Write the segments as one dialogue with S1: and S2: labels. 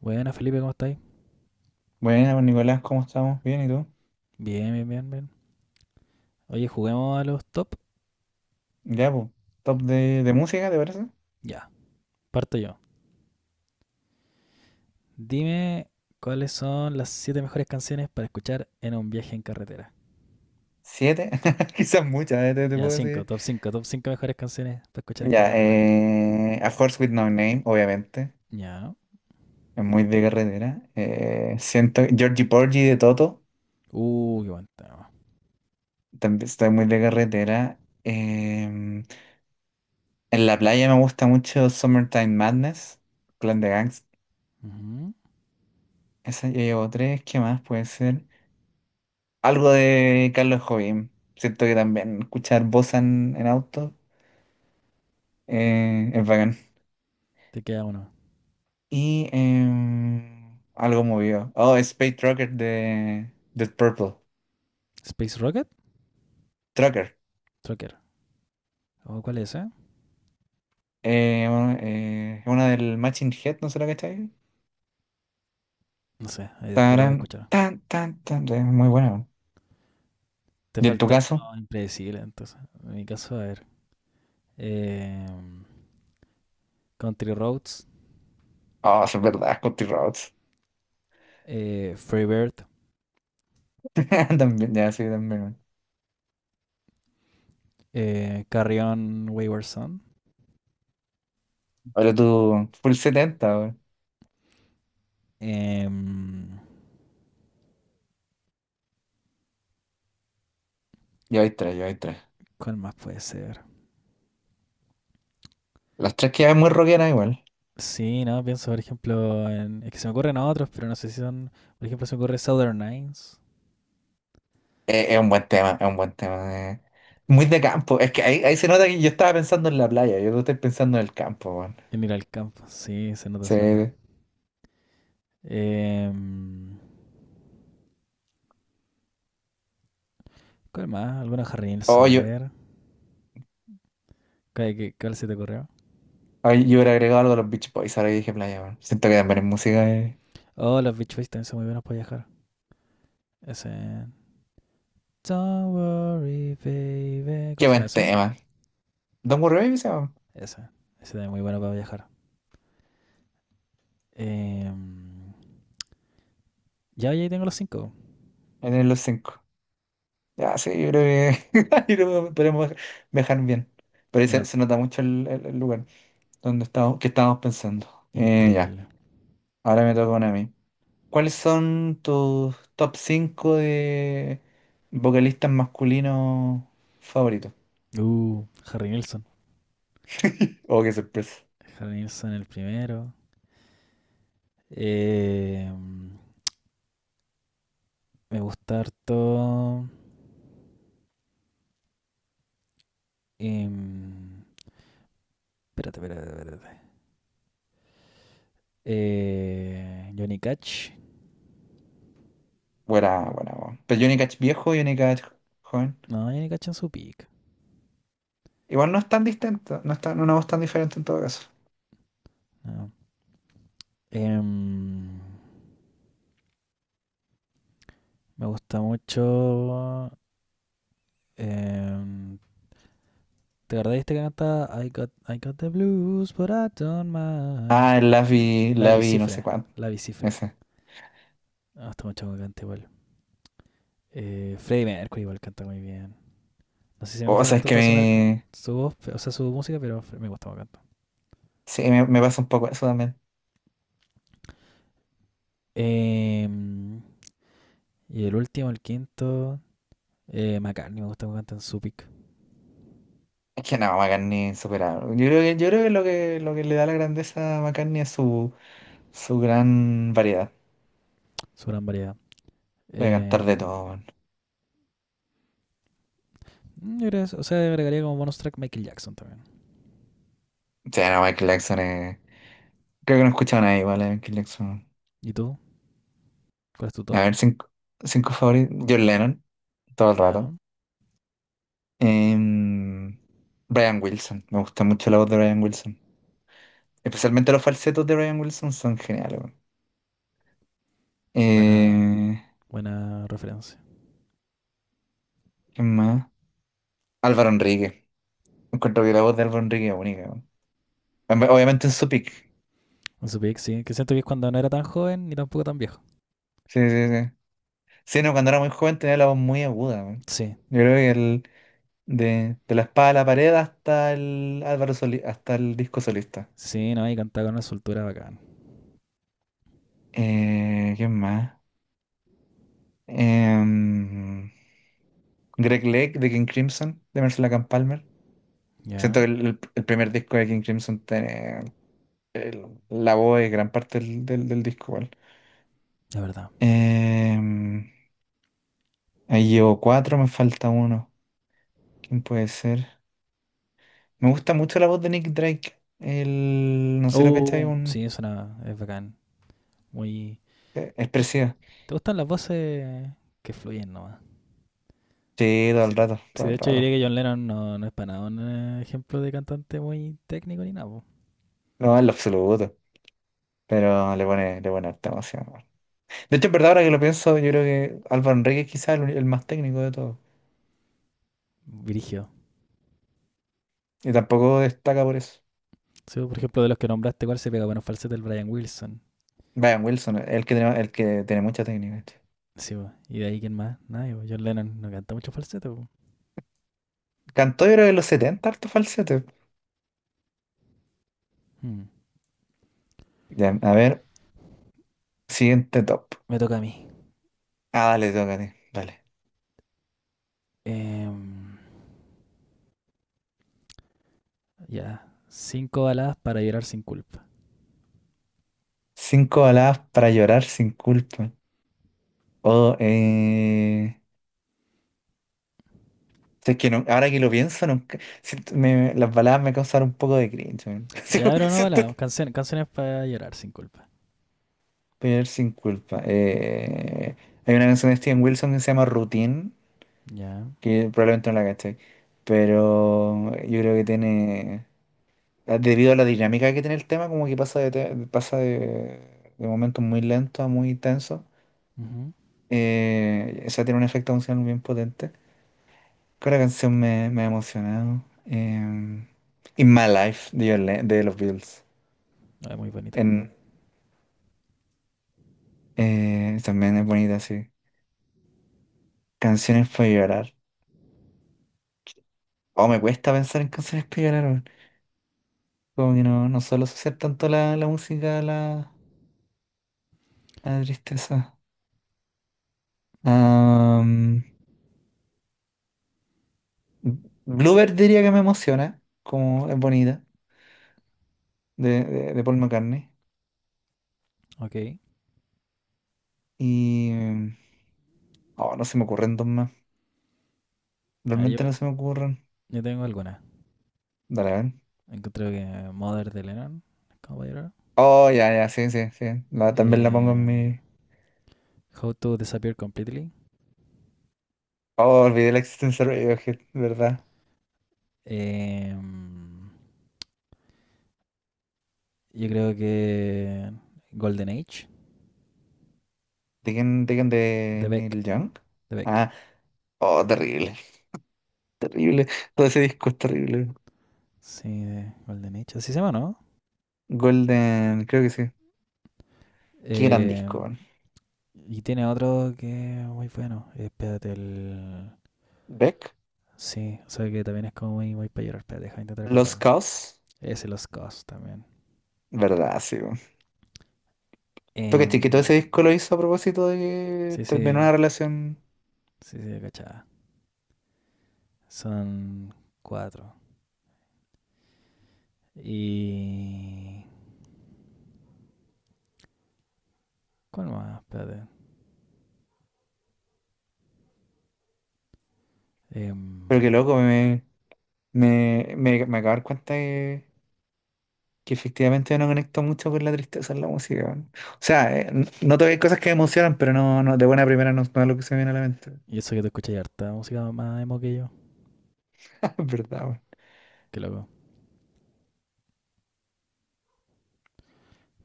S1: Buena, Felipe, ¿cómo estáis?
S2: Bueno, Nicolás, ¿cómo estamos? Bien, ¿y tú?
S1: Bien, bien, bien, bien. Oye, juguemos a los top.
S2: Ya, pues, top de música, ¿te parece?
S1: Ya, parto yo. Dime cuáles son las siete mejores canciones para escuchar en un viaje en carretera.
S2: Siete, quizás muchas, te
S1: Ya,
S2: puedo decir.
S1: 5 mejores canciones para escuchar en
S2: Ya,
S1: carretera.
S2: A Horse With No Name, obviamente,
S1: Ya.
S2: es muy de carretera. Siento, Georgie Porgy de Toto,
S1: Qué buen tema.
S2: también estoy muy de carretera. En la playa me gusta mucho Summertime Madness, Clan de Gangs.
S1: Ujú.
S2: Esa ya llevo tres, ¿qué más puede ser? Algo de Carlos Jovín. Siento que también escuchar bossa en auto. Es bacán.
S1: Te queda uno.
S2: Y algo movido. Oh, Space Trucker de Dead Purple.
S1: Space Rocket,
S2: Trucker.
S1: Trucker. ¿O cuál es ese?
S2: Bueno, es una del Matching Head, ¿no será que está ahí?
S1: No sé, ahí después lo voy a
S2: Tarán,
S1: escuchar.
S2: tan, tan, tan. Es muy buena, weón.
S1: Te
S2: ¿Y en tu
S1: faltó
S2: caso?
S1: uno impredecible, entonces. En mi caso, a ver. Eh, Country Roads,
S2: Oh, eso es verdad, Scotty Rhodes.
S1: Free Bird,
S2: También, ya, sí, también, weón.
S1: Carrion Wayward Son.
S2: Ahora tú, full 70, weón.
S1: Em,
S2: Yo hay tres, yo hay tres.
S1: ¿Cuál más puede ser?
S2: Las tres quedan muy rockeras igual.
S1: Sí, no, pienso, por ejemplo, en. Es que se me ocurren otros, pero no sé si son. Por ejemplo, se me ocurre Southern Nines.
S2: Es un buen tema, es un buen tema. Muy de campo. Es que ahí se nota que yo estaba pensando en la playa, yo no estoy pensando en el campo, weón.
S1: En ir al campo. Sí, se nota, se nota.
S2: Sí.
S1: Em, ¿Cuál más? Alguna Harry Nilsson,
S2: Oh,
S1: a
S2: yo,
S1: ver. ¿Cuál se te ocurrió?
S2: yo hubiera agregado algo a los Beach Boys, ahora que dije playa, weón. Siento que también es música.
S1: Oh, los Beach Boys también son muy buenos para viajar. Ese. Don't worry, baby. ¿Cómo
S2: Qué
S1: se llama
S2: buen
S1: ese?
S2: tema. Don't Worry Baby se llama.
S1: Ese. Ese también es muy bueno para viajar. Em, ya, ya ahí tengo los cinco.
S2: En el los cinco. Ya, sí, yo creo que yo creo que podemos viajar bien. Pero ahí se,
S1: Una,
S2: se nota mucho el lugar donde estamos, que estábamos pensando. Eh, ya.
S1: Increíble.
S2: Ahora me toca una a mí. ¿Cuáles son tus top 5 de vocalistas masculinos favoritos?
S1: Uh, Harry Nilsson.
S2: Oh, qué sorpresa.
S1: Harry Nilsson el primero. Eh, me gusta harto. em, espérate, espérate, espérate. Johnny Cash.
S2: Buena, buena, buena. Pero Johnny Cash viejo y Johnny Cash joven.
S1: No, Johnny Cash en su pick.
S2: Igual no es tan distinto, no es una voz tan diferente en todo caso.
S1: No. Em, me gusta mucho. em, ¿te acordás de este que canta I got the blues, but I don't mind?
S2: Ah, el Lavi,
S1: La
S2: Lavi, no sé
S1: Bicifre.
S2: cuánto.
S1: La Bicifre.
S2: Ese.
S1: Me mucho que cante igual. Freddie Mercury igual canta muy bien. No sé si me
S2: O
S1: gusta
S2: sea, es
S1: tanto
S2: que
S1: toda su, merc-
S2: me.
S1: su voz, o sea, su música, pero me gusta cómo canta.
S2: Sí, me pasa un poco eso también.
S1: Em, y el último, el quinto, McCartney me gusta cómo canta en su pick,
S2: Es que no, McCartney es insuperable. Yo creo que lo que le da la grandeza a McCartney es su gran variedad.
S1: su gran variedad.
S2: Puede cantar de
S1: Em,
S2: todo, weón.
S1: mm, o sea, agregaría como bonus track Michael Jackson también.
S2: Sí, no, Michael Jackson es. Creo que no he escuchado a nadie igual a Michael Jackson.
S1: ¿Y tú? ¿Cuál es tu top?
S2: A ver, cinco favoritos. John Lennon, todo el
S1: Ya,
S2: rato. Em, Brian Wilson, me gusta mucho la voz de Brian Wilson. Especialmente los falsetos de Brian Wilson son geniales, weón.
S1: buena,
S2: Eh,
S1: buena referencia.
S2: ¿Quién más? Álvaro Enrique. Encuentro que la voz de Álvaro Enrique es única, weón. Obviamente en su pick.
S1: En su pick, sí, que siento que es cuando no era tan joven ni tampoco tan viejo.
S2: Sí, sí, sí. Sí, no, cuando era muy joven tenía la voz muy aguda, weón.
S1: Sí,
S2: Yo creo que de la espada a la pared hasta el hasta el disco solista.
S1: sí, no, y cantaba con una soltura bacán.
S2: ¿Quién más? Em, Greg Lake de King Crimson, de Mercy Camp Palmer. Siento
S1: Ya,
S2: que el primer disco de King Crimson tiene la voz es gran parte del disco, igual.
S1: la verdad.
S2: Em, Ahí llevo cuatro, me falta uno. ¿Quién puede ser? Me gusta mucho la voz de Nick Drake. El, no sé si lo que está ahí
S1: Oh,
S2: un
S1: sí, suena, es bacán. Muy. ¿Tú-
S2: expresiva.
S1: ¿Te gustan las voces que fluyen nomás?
S2: Sí, todo
S1: Sí,
S2: el rato,
S1: sí,
S2: todo
S1: de
S2: el
S1: hecho yo diría
S2: rato.
S1: que John Lennon no es para nada un ejemplo de cantante muy técnico ni nada, po.
S2: No, en lo absoluto. Pero le pone harta emoción. De hecho, en verdad, ahora que lo pienso, yo creo que Álvaro Enríquez quizás el más técnico de todos.
S1: Brígido.
S2: Y tampoco destaca por eso.
S1: Sí, por ejemplo, de los que nombraste, ¿cuál se pega? Bueno, falsete el Brian Wilson.
S2: Brian Wilson, es el que tiene mucha técnica, che.
S1: Sí, po. ¿Y de ahí quién más? Nadie, po. John Lennon no canta mucho falsete, po.
S2: Cantó yo creo que en los setenta harto falsete.
S1: Hmm.
S2: Ya, a ver, siguiente top.
S1: Me- toca a mí.
S2: Ah, dale, tócate. Dale.
S1: Em, ya. Cinco baladas para llorar sin culpa.
S2: Cinco baladas para llorar sin culpa. O, eh... Es que ahora que lo pienso, nunca, siento- me- las baladas me causaron un poco de cringe, man. Así
S1: Ya,
S2: como que
S1: pero no baladas. Canciones, canciones para llorar sin culpa.
S2: llorar sin culpa. Hay una canción de Steven Wilson que se llama Routine,
S1: Ya.
S2: que probablemente no la gasté. Pero yo creo que tiene, debido a la dinámica que tiene el tema, como que pasa pasa de momentos muy lentos a muy tensos.
S1: Ujú.
S2: O sea, tiene un efecto emocional bien potente. Con la canción me ha emocionado. In My Life de los Beatles.
S1: Ah, muy bonito.
S2: En, también es bonita, sí. Canciones para llorar. Oh, me cuesta pensar en canciones para llorar, weón. Como que no, no suelo asociar tanto la música a a la tristeza. Am, Bluebird diría que me emociona, como es bonita, de Paul McCartney.
S1: Ok.
S2: Y... Oh, no se me ocurren dos más.
S1: A ver,
S2: Realmente no
S1: yo,
S2: se me ocurren.
S1: Yo tengo algunas.
S2: Dale, a ver.
S1: Encontré que Mother de Lennon, Caballero.
S2: Oh, ya, ya, sí, sí, sí. También la pongo
S1: Eh,
S2: en mi...
S1: How to Disappear Completely.
S2: Oh, olvidé la existencia de Radiohead, ¿verdad?
S1: Eh, yo creo que Golden Age,
S2: ¿De quién? ¿De
S1: de Beck.
S2: Neil Young?
S1: De Beck.
S2: Ah, oh, terrible, terrible. Todo ese disco es terrible.
S1: Sí, de Golden Age. Así se llama, ¿no?
S2: Golden, creo que sí. Qué gran
S1: Eh,
S2: disco, weón.
S1: y tiene otro que es muy bueno. Espérate, el.
S2: Beck,
S1: Sí, o sea que también es como muy, muy para llorar. Espérate, deja de intentar
S2: Los
S1: acordarme.
S2: Caos,
S1: Ese Los Cos también.
S2: ¿verdad? Sí, porque cachai que todo
S1: Em,
S2: ese disco lo hizo a propósito de que
S1: sí,
S2: terminó
S1: sí,
S2: una relación.
S1: sí, sí, cachada. Son cuatro. Y. ¿Cuál más? Espérate.
S2: Pero
S1: Em,
S2: que loco, me acabo de dar cuenta que efectivamente no conecto mucho con la tristeza en la música, weón. O sea, noto que hay cosas que me emocionan, pero no, de buena primera no, no es lo que se me viene a la mente.
S1: y eso que te escuché harta música más emo que yo.
S2: Ah, es verdad, weón.
S1: Qué loco.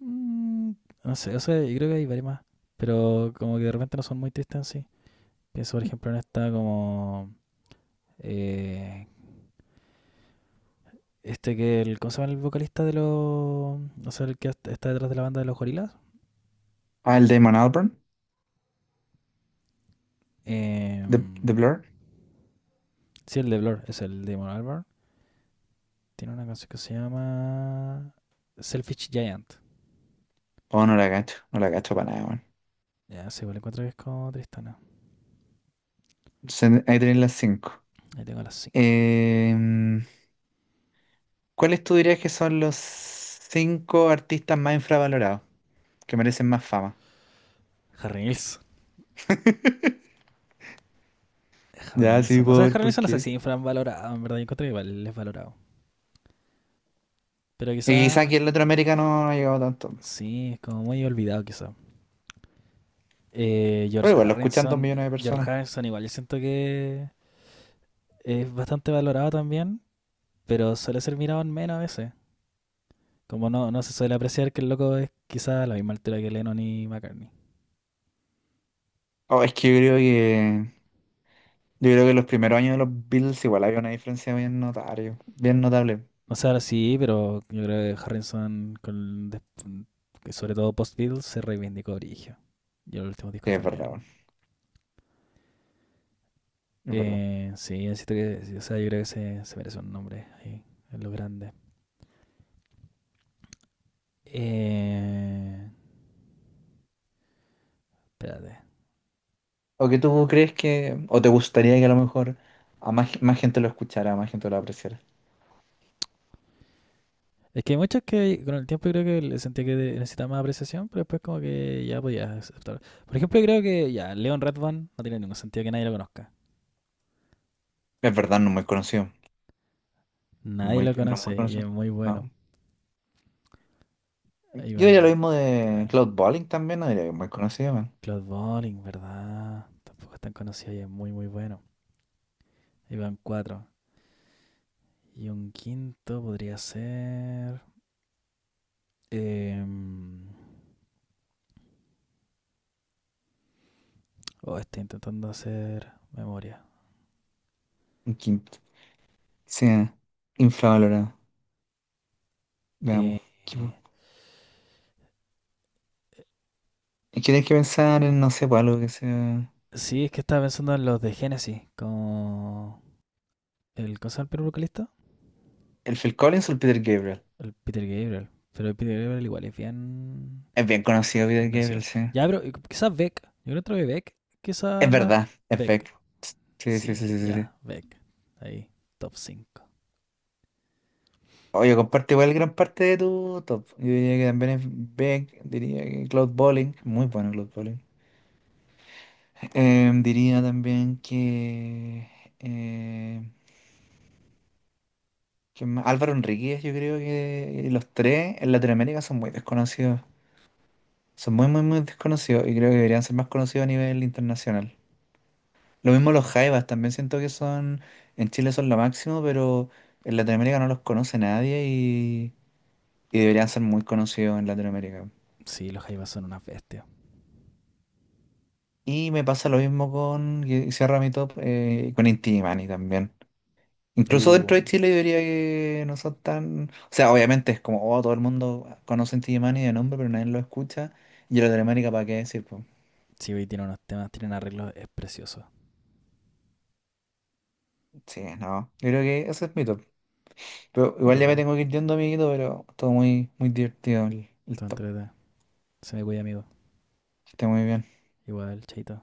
S1: Mm, no sé, o sea, yo creo que hay varias más. Pero como que de repente no son muy tristes en sí. Pienso, por ejemplo, en esta como. eh, este que el. ¿Cómo se llama el vocalista de los. O sea, el que está detrás de la banda de los gorilas?
S2: Ah, el Damon Albarn,
S1: Em,
S2: de Blur.
S1: sí, el de Blur, es el de Damon Albarn. Tiene una canción que se llama. Selfish Giant.
S2: Oh, no la cacho, no la cacho para nada, weón.
S1: Ya, sí, igual encuentro que es como tristana.
S2: Ahí tenéis las cinco.
S1: Ahí tengo las cinco.
S2: Em, ¿Cuáles tú dirías que son los cinco artistas más infravalorados, que merecen más fama?
S1: Harry Nilsson. Harry
S2: Ya sí
S1: Nilsson. O
S2: puedo
S1: sea,
S2: ver
S1: Harry
S2: por
S1: Nilsson no sé
S2: qué.
S1: si infravalorado, en verdad. Yo encontré que igual es valorado. Pero
S2: Y quizá
S1: quizá,
S2: aquí en Latinoamérica no, no ha llegado tanto.
S1: sí, es como muy olvidado quizá.
S2: Pero
S1: George
S2: igual, lo escuchan dos
S1: Harrison.
S2: millones de
S1: George
S2: personas.
S1: Harrison igual yo siento que es bastante valorado también. Pero suele ser mirado en menos a veces. Como no se suele apreciar que el loco es quizá a la misma altura que Lennon y McCartney.
S2: Oh, es que yo creo que. Yo creo que los primeros años de los Beatles igual había una diferencia bien notable. Bien notable.
S1: O sea, sí, pero yo creo que Harrison, sobre todo post-Beatles, se reivindicó origen. Y los últimos
S2: Sí,
S1: discos
S2: es verdad,
S1: también.
S2: bueno, es verdad.
S1: Sí, siento que, sí, o sea, yo creo que se merece un nombre ahí, en lo grande. Eh, espérate.
S2: ¿O que tú crees que. ¿O te gustaría que a lo mejor a más gente lo escuchara, a más gente lo apreciara?
S1: Es que hay muchos que con el tiempo yo creo que le sentía que necesitaba más apreciación, pero después como que ya podía aceptar. Por ejemplo, yo creo que ya Leon Redbone no tiene ningún sentido que nadie lo conozca.
S2: Es verdad, no es muy conocido.
S1: Nadie
S2: Muy,
S1: lo
S2: no es muy
S1: conoce y es
S2: conocido.
S1: muy bueno.
S2: No. Yo
S1: Iván
S2: diría lo mismo de
S1: tra-
S2: Cloud Bowling también, no diría que es muy conocido, man.
S1: Claude Bolling, ¿verdad? Tampoco es tan conocido y es muy muy bueno. Iván cuatro. Y un quinto podría ser... Eh, Oh, estoy intentando hacer memoria.
S2: Un quinto. Sí, infravalorado.
S1: Eh,
S2: Veamos. Y tienes que pensar en, no sé, pues algo que sea.
S1: sí, es que estaba pensando en los de Genesis, con el ¿cómo se llama el primer vocalista?
S2: ¿El Phil Collins o el Peter Gabriel?
S1: El Peter Gabriel. Pero el Peter Gabriel igual es bien,
S2: Es bien conocido
S1: bien
S2: Peter Gabriel,
S1: conocido.
S2: sí.
S1: Ya, pero quizás Beck. Yo creo que Beck,
S2: Es
S1: quizás no es
S2: verdad, es
S1: Beck.
S2: Beck. Sí, sí,
S1: Sí,
S2: sí, sí, sí, sí.
S1: ya, Beck. Ahí, top 5.
S2: Oye, comparte igual gran parte de tu top. Yo diría que también es Beck, diría que Cloud Bowling, muy bueno Cloud Bowling. Diría también eh, que Álvaro Enríquez, yo creo que los tres en Latinoamérica son muy desconocidos. Son muy, muy, muy desconocidos y creo que deberían ser más conocidos a nivel internacional. Lo mismo los jaivas, también siento que son, en Chile son lo máximo, pero en Latinoamérica no los conoce nadie y, y deberían ser muy conocidos en Latinoamérica.
S1: Sí, los Jaivas son unas bestias.
S2: Y me pasa lo mismo con, y cierra mi top, con Inti Illimani también. Incluso dentro
S1: Uh,
S2: de Chile yo diría que no son tan... O sea, obviamente es como, oh, todo el mundo conoce Inti Illimani de nombre, pero nadie lo escucha. Y en Latinoamérica, ¿para qué decir, pues?
S1: sí, hoy tienen unos temas, tienen arreglos, es precioso.
S2: Sí, no. Yo creo que ese es mi top. Pero
S1: Y
S2: igual ya me
S1: todo,
S2: tengo que ir yendo, amiguito, pero todo muy, muy divertido el
S1: todo
S2: top.
S1: entrete. Se me cuida, amigo.
S2: Que esté muy bien.
S1: Igual, chaito.